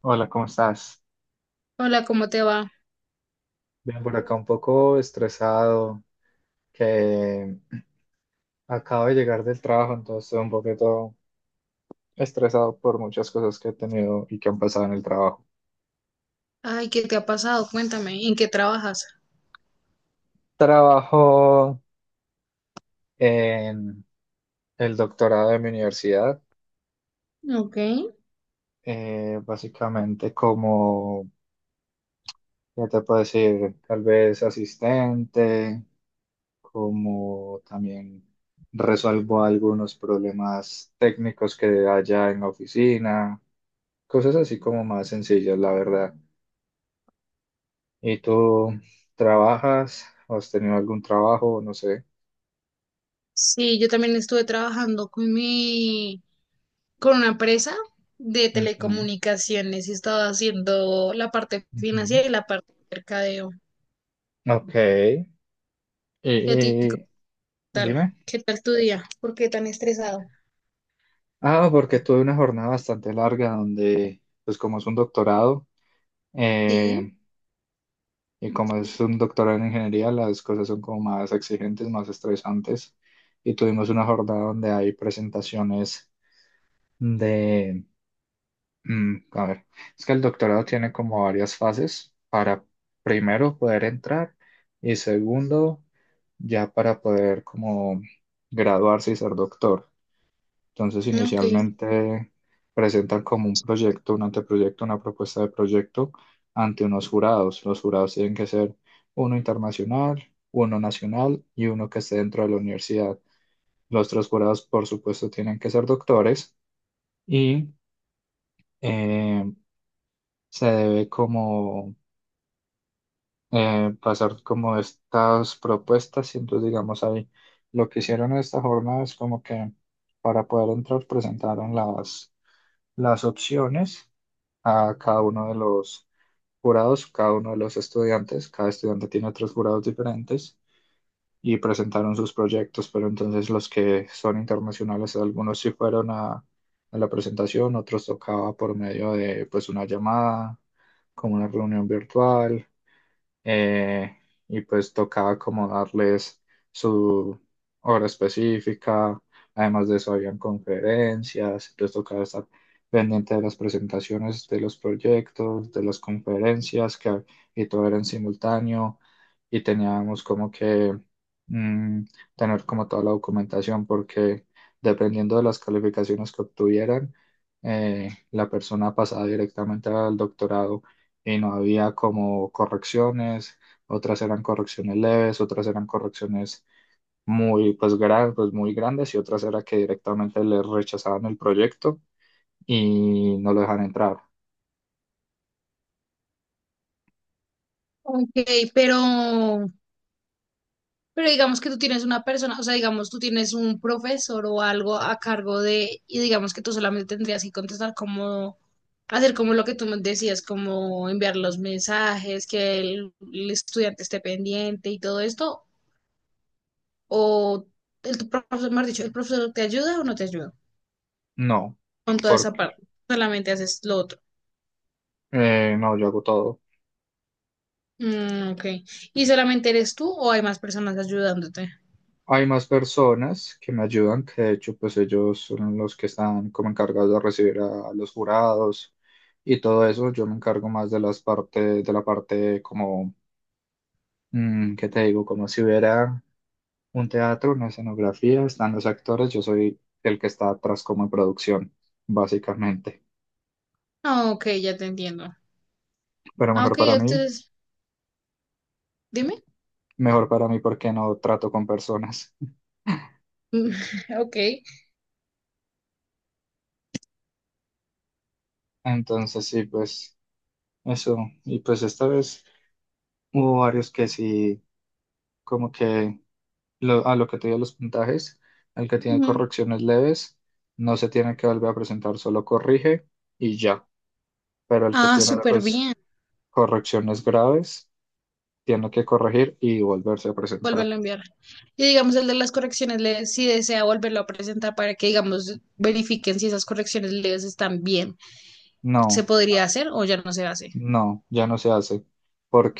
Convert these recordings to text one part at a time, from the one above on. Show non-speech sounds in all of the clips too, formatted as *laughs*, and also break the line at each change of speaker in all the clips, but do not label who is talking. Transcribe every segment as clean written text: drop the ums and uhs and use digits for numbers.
Hola, ¿cómo estás?
Hola, ¿cómo te va?
Bien, por acá un poco estresado, que *clears throat* acabo de llegar del trabajo, entonces estoy un poquito estresado por muchas cosas que he tenido y que han pasado en el trabajo.
Ay, ¿qué te ha pasado? Cuéntame, ¿en qué trabajas?
Trabajo en el doctorado de mi universidad,
Ok.
básicamente como, ya te puedo decir? Tal vez asistente, como también resuelvo algunos problemas técnicos que haya en la oficina. Cosas así como más sencillas, la verdad. ¿Y tú trabajas? ¿O ¿Has tenido algún trabajo? No sé.
Sí, yo también estuve trabajando con una empresa de
Ujú,
telecomunicaciones y estaba haciendo la parte
ujú.
financiera y la parte de mercadeo.
Ok.
¿Y a ti qué
Eh,
tal?
dime.
¿Qué tal tu día? ¿Por qué tan estresado?
Ah, porque tuve una jornada bastante larga donde, pues como es un doctorado,
Sí,
eh, y como es un doctorado en ingeniería, las cosas son como más exigentes, más estresantes. Y tuvimos una jornada donde hay presentaciones de. A ver, es que el doctorado tiene como varias fases para primero poder entrar y segundo ya para poder como graduarse y ser doctor. Entonces
ok.
inicialmente presentan como un proyecto, un anteproyecto, una propuesta de proyecto ante unos jurados. Los jurados tienen que ser uno internacional, uno nacional y uno que esté dentro de la universidad. Los tres jurados, por supuesto, tienen que ser doctores y eh, se debe como pasar como estas propuestas y entonces digamos ahí lo que hicieron en esta jornada es como que para poder entrar presentaron las opciones a cada uno de los jurados, cada uno de los estudiantes, cada estudiante tiene tres jurados diferentes y presentaron sus proyectos, pero entonces los que son internacionales, algunos sí fueron a la presentación, otros tocaba por medio de pues una llamada, como una reunión virtual eh, y pues tocaba como darles su hora específica, además de eso habían conferencias, entonces tocaba estar pendiente de las presentaciones, de los proyectos, de las conferencias, que, y todo era en simultáneo, y teníamos como que mm, tener como toda la documentación, porque dependiendo de las calificaciones que obtuvieran, la persona pasaba directamente al doctorado y no había como correcciones, otras eran correcciones leves, otras eran correcciones muy, pues, pues, muy grandes y otras era que directamente le rechazaban el proyecto y no lo dejan entrar.
Ok, pero Pero digamos que tú tienes una persona, o sea, digamos tú tienes un profesor o algo a cargo de, y digamos que tú solamente tendrías que contestar como, hacer como lo que tú me decías, como enviar los mensajes, que el estudiante esté pendiente y todo esto, o el tu profesor, mejor dicho, el profesor te ayuda o no te ayuda
No,
con toda esa
porque
parte, solamente haces lo otro.
no, yo hago todo.
Mm, ok. ¿Y solamente eres tú o hay más personas ayudándote?
Hay más personas que me ayudan, que de hecho pues ellos son los que están como encargados de recibir a los jurados y todo eso. Yo me encargo más de las partes, de la parte como, ¿qué te digo? Como si hubiera un teatro, una escenografía, están los actores, yo soy el que está atrás como en producción, básicamente.
Ah, ok, ya te entiendo.
Pero
Ah, ok, entonces, dime.
mejor para mí porque no trato con personas. *laughs*
*laughs* Ok.
Entonces sí, pues eso. Y pues esta vez hubo varios que sí, como que a lo que te dio los puntajes, el que tiene correcciones leves, no se tiene que volver a presentar, solo corrige y ya. Pero el que
Ah, para
tiene
súper
pues
bien.
correcciones graves, tiene que corregir y volverse a presentar.
Vuélvelo a enviar. Y digamos, el de las correcciones, si desea volverlo a presentar para que, digamos, verifiquen si esas correcciones leves están bien. ¿Se
No,
podría hacer o ya no se hace?
no, ya no se hace,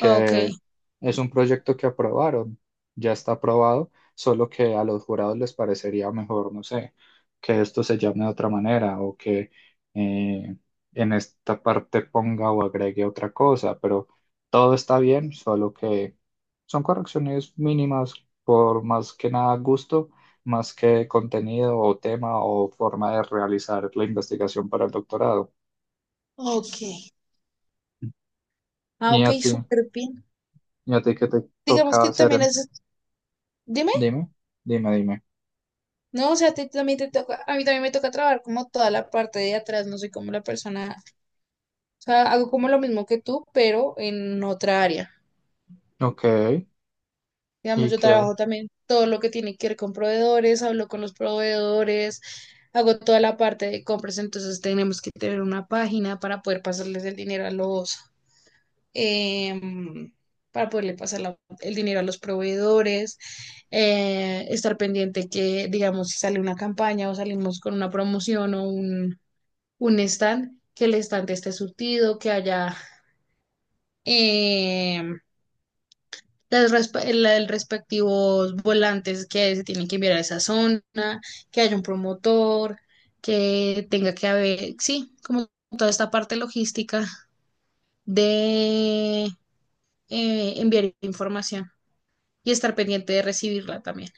Ok,
es un proyecto que aprobaron, ya está aprobado, solo que a los jurados les parecería mejor, no sé, que esto se llame de otra manera o que eh, en esta parte ponga o agregue otra cosa, pero todo está bien, solo que son correcciones mínimas por más que nada gusto, más que contenido o tema o forma de realizar la investigación para el doctorado.
ok. Ah,
¿Y
ok,
a ti?
súper bien.
¿Y a ti qué te
Digamos
tocaba
que
hacer?
también es, dime,
Dime, dime, dime.
no, o sea, a ti también te toca, a mí también me toca trabajar como toda la parte de atrás, no soy como la persona, o sea, hago como lo mismo que tú, pero en otra área.
Ok,
Digamos,
¿y
yo
qué?
trabajo también todo lo que tiene que ver con proveedores, hablo con los proveedores, hago toda la parte de compras, entonces tenemos que tener una página para poder pasarles el dinero a los, em, para poderle pasar el dinero a los proveedores, estar pendiente que, digamos, si sale una campaña o salimos con una promoción o un stand, que el stand esté surtido, que haya em, las resp- el respectivos volantes que se tienen que enviar a esa zona, que haya un promotor, que tenga que haber, sí, como toda esta parte logística de enviar información y estar pendiente de recibirla también.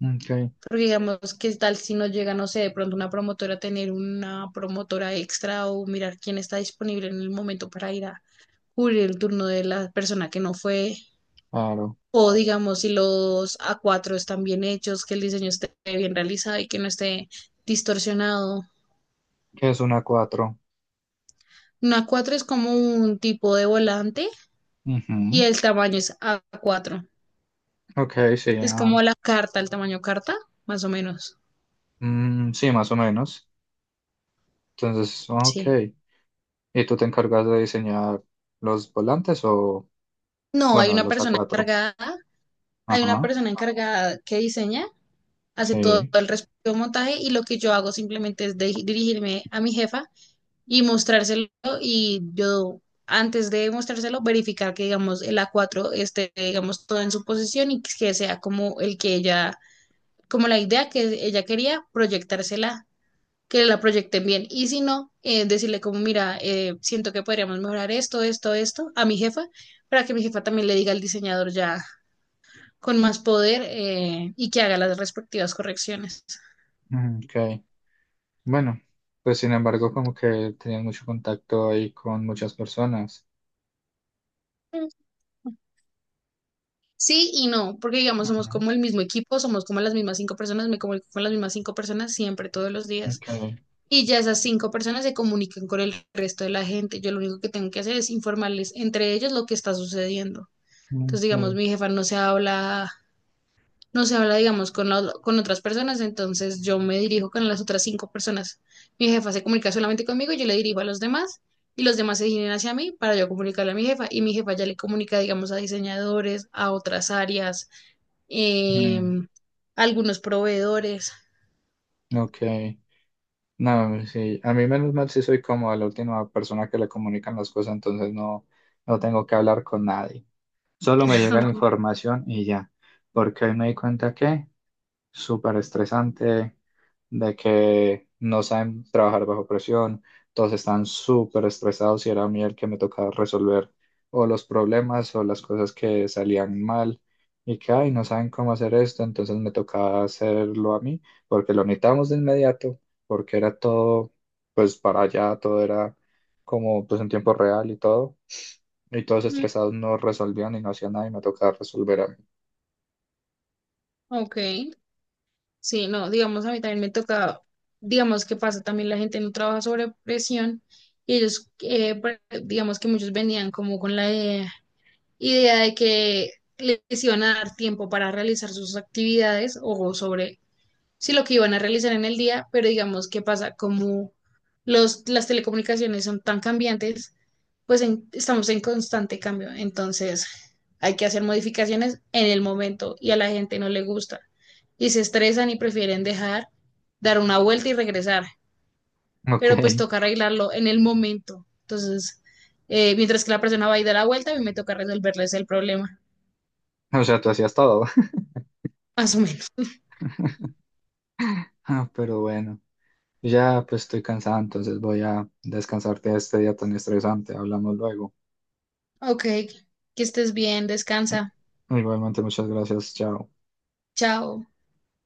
Ok,
Porque digamos, ¿qué tal si no llega, no sé, de pronto una promotora, tener una promotora extra o mirar quién está disponible en el momento para ir a cubrir el turno de la persona que no fue.
claro.
O digamos, si los A4 están bien hechos, que el diseño esté bien realizado y que no esté distorsionado.
¿Qué es una cuatro?
Un A4 es como un tipo de volante y
Ujú.
el tamaño es A4.
Ok, sí,
Es
ah.
como la carta, el tamaño carta, más o menos.
Mm, sí, más o menos. Entonces, ok.
Sí.
¿Y tú te encargas de diseñar los volantes o,
No, hay
bueno,
una
los a
persona
cuatro?
encargada, hay una
Ajá,
persona encargada que diseña, hace todo
sí.
el resto del montaje y lo que yo hago simplemente es dirigirme a mi jefa y mostrárselo y yo antes de mostrárselo verificar que digamos el a cuatro esté digamos todo en su posición y que sea como la idea que ella quería proyectársela, que la proyecten bien y si no, decirle como mira, siento que podríamos mejorar esto, esto, esto a mi jefa para que mi jefa también le diga al diseñador ya con más poder, y que haga las respectivas correcciones.
Mm, ok, bueno, pues sin embargo, como que tenías mucho contacto ahí con muchas personas.
Sí y no, porque digamos, somos
Ujú.
como el mismo equipo, somos como las mismas cinco personas, me comunico con las mismas cinco personas siempre, todos los días.
Ok,
Y ya esas cinco personas se comunican con el resto de la gente. Yo lo único que tengo que hacer es informarles entre ellos lo que está sucediendo. Entonces, digamos,
ok.
mi jefa no se habla, digamos, con otras personas, entonces yo me dirijo con las otras cinco personas. Mi jefa se comunica solamente conmigo, yo le dirijo a los demás y los demás se dirigen hacia mí para yo comunicarle a mi jefa y mi jefa ya le comunica, digamos, a diseñadores, a otras áreas,
Mm,
em, a algunos proveedores.
ok. No, sí, a mí menos mal sí soy como la última persona que le comunican las cosas, entonces no, no tengo que hablar con nadie. Solo me llega la
*laughs*
información y ya, porque hoy me di cuenta que súper estresante, de que no saben trabajar bajo presión, todos están súper estresados y era a mí el que me tocaba resolver o los problemas o las cosas que salían mal y que, ay, no saben cómo hacer esto, entonces me tocaba hacerlo a mí porque lo necesitábamos de inmediato, porque era todo, pues para allá, todo era como pues en tiempo real y todo. Y todos
Mm,
estresados no resolvían y no hacían nada y me tocaba resolver a mí.
ok, sí, no, digamos, a mí también me toca, digamos, ¿que pasa? También la gente no trabaja sobre presión y ellos, digamos que muchos venían como con la idea de que les iban a dar tiempo para realizar sus actividades o sobre si lo que iban a realizar en el día, pero digamos qué pasa, como las telecomunicaciones son tan cambiantes, pues estamos en constante cambio, entonces hay que hacer modificaciones en el momento y a la gente no le gusta y se estresan y prefieren dejar, dar una vuelta y regresar,
Ok,
pero pues toca arreglarlo en el momento, entonces mientras que la persona va y da la vuelta, a mí me toca resolverles el problema.
*laughs* o sea, tú hacías todo.
Más o menos.
Ah, pero bueno, ya pues estoy cansado, entonces voy a descansarte de este día tan estresante. Hablamos luego.
Ok, que estés bien, descansa.
Igualmente, muchas gracias. Chao.
Chao.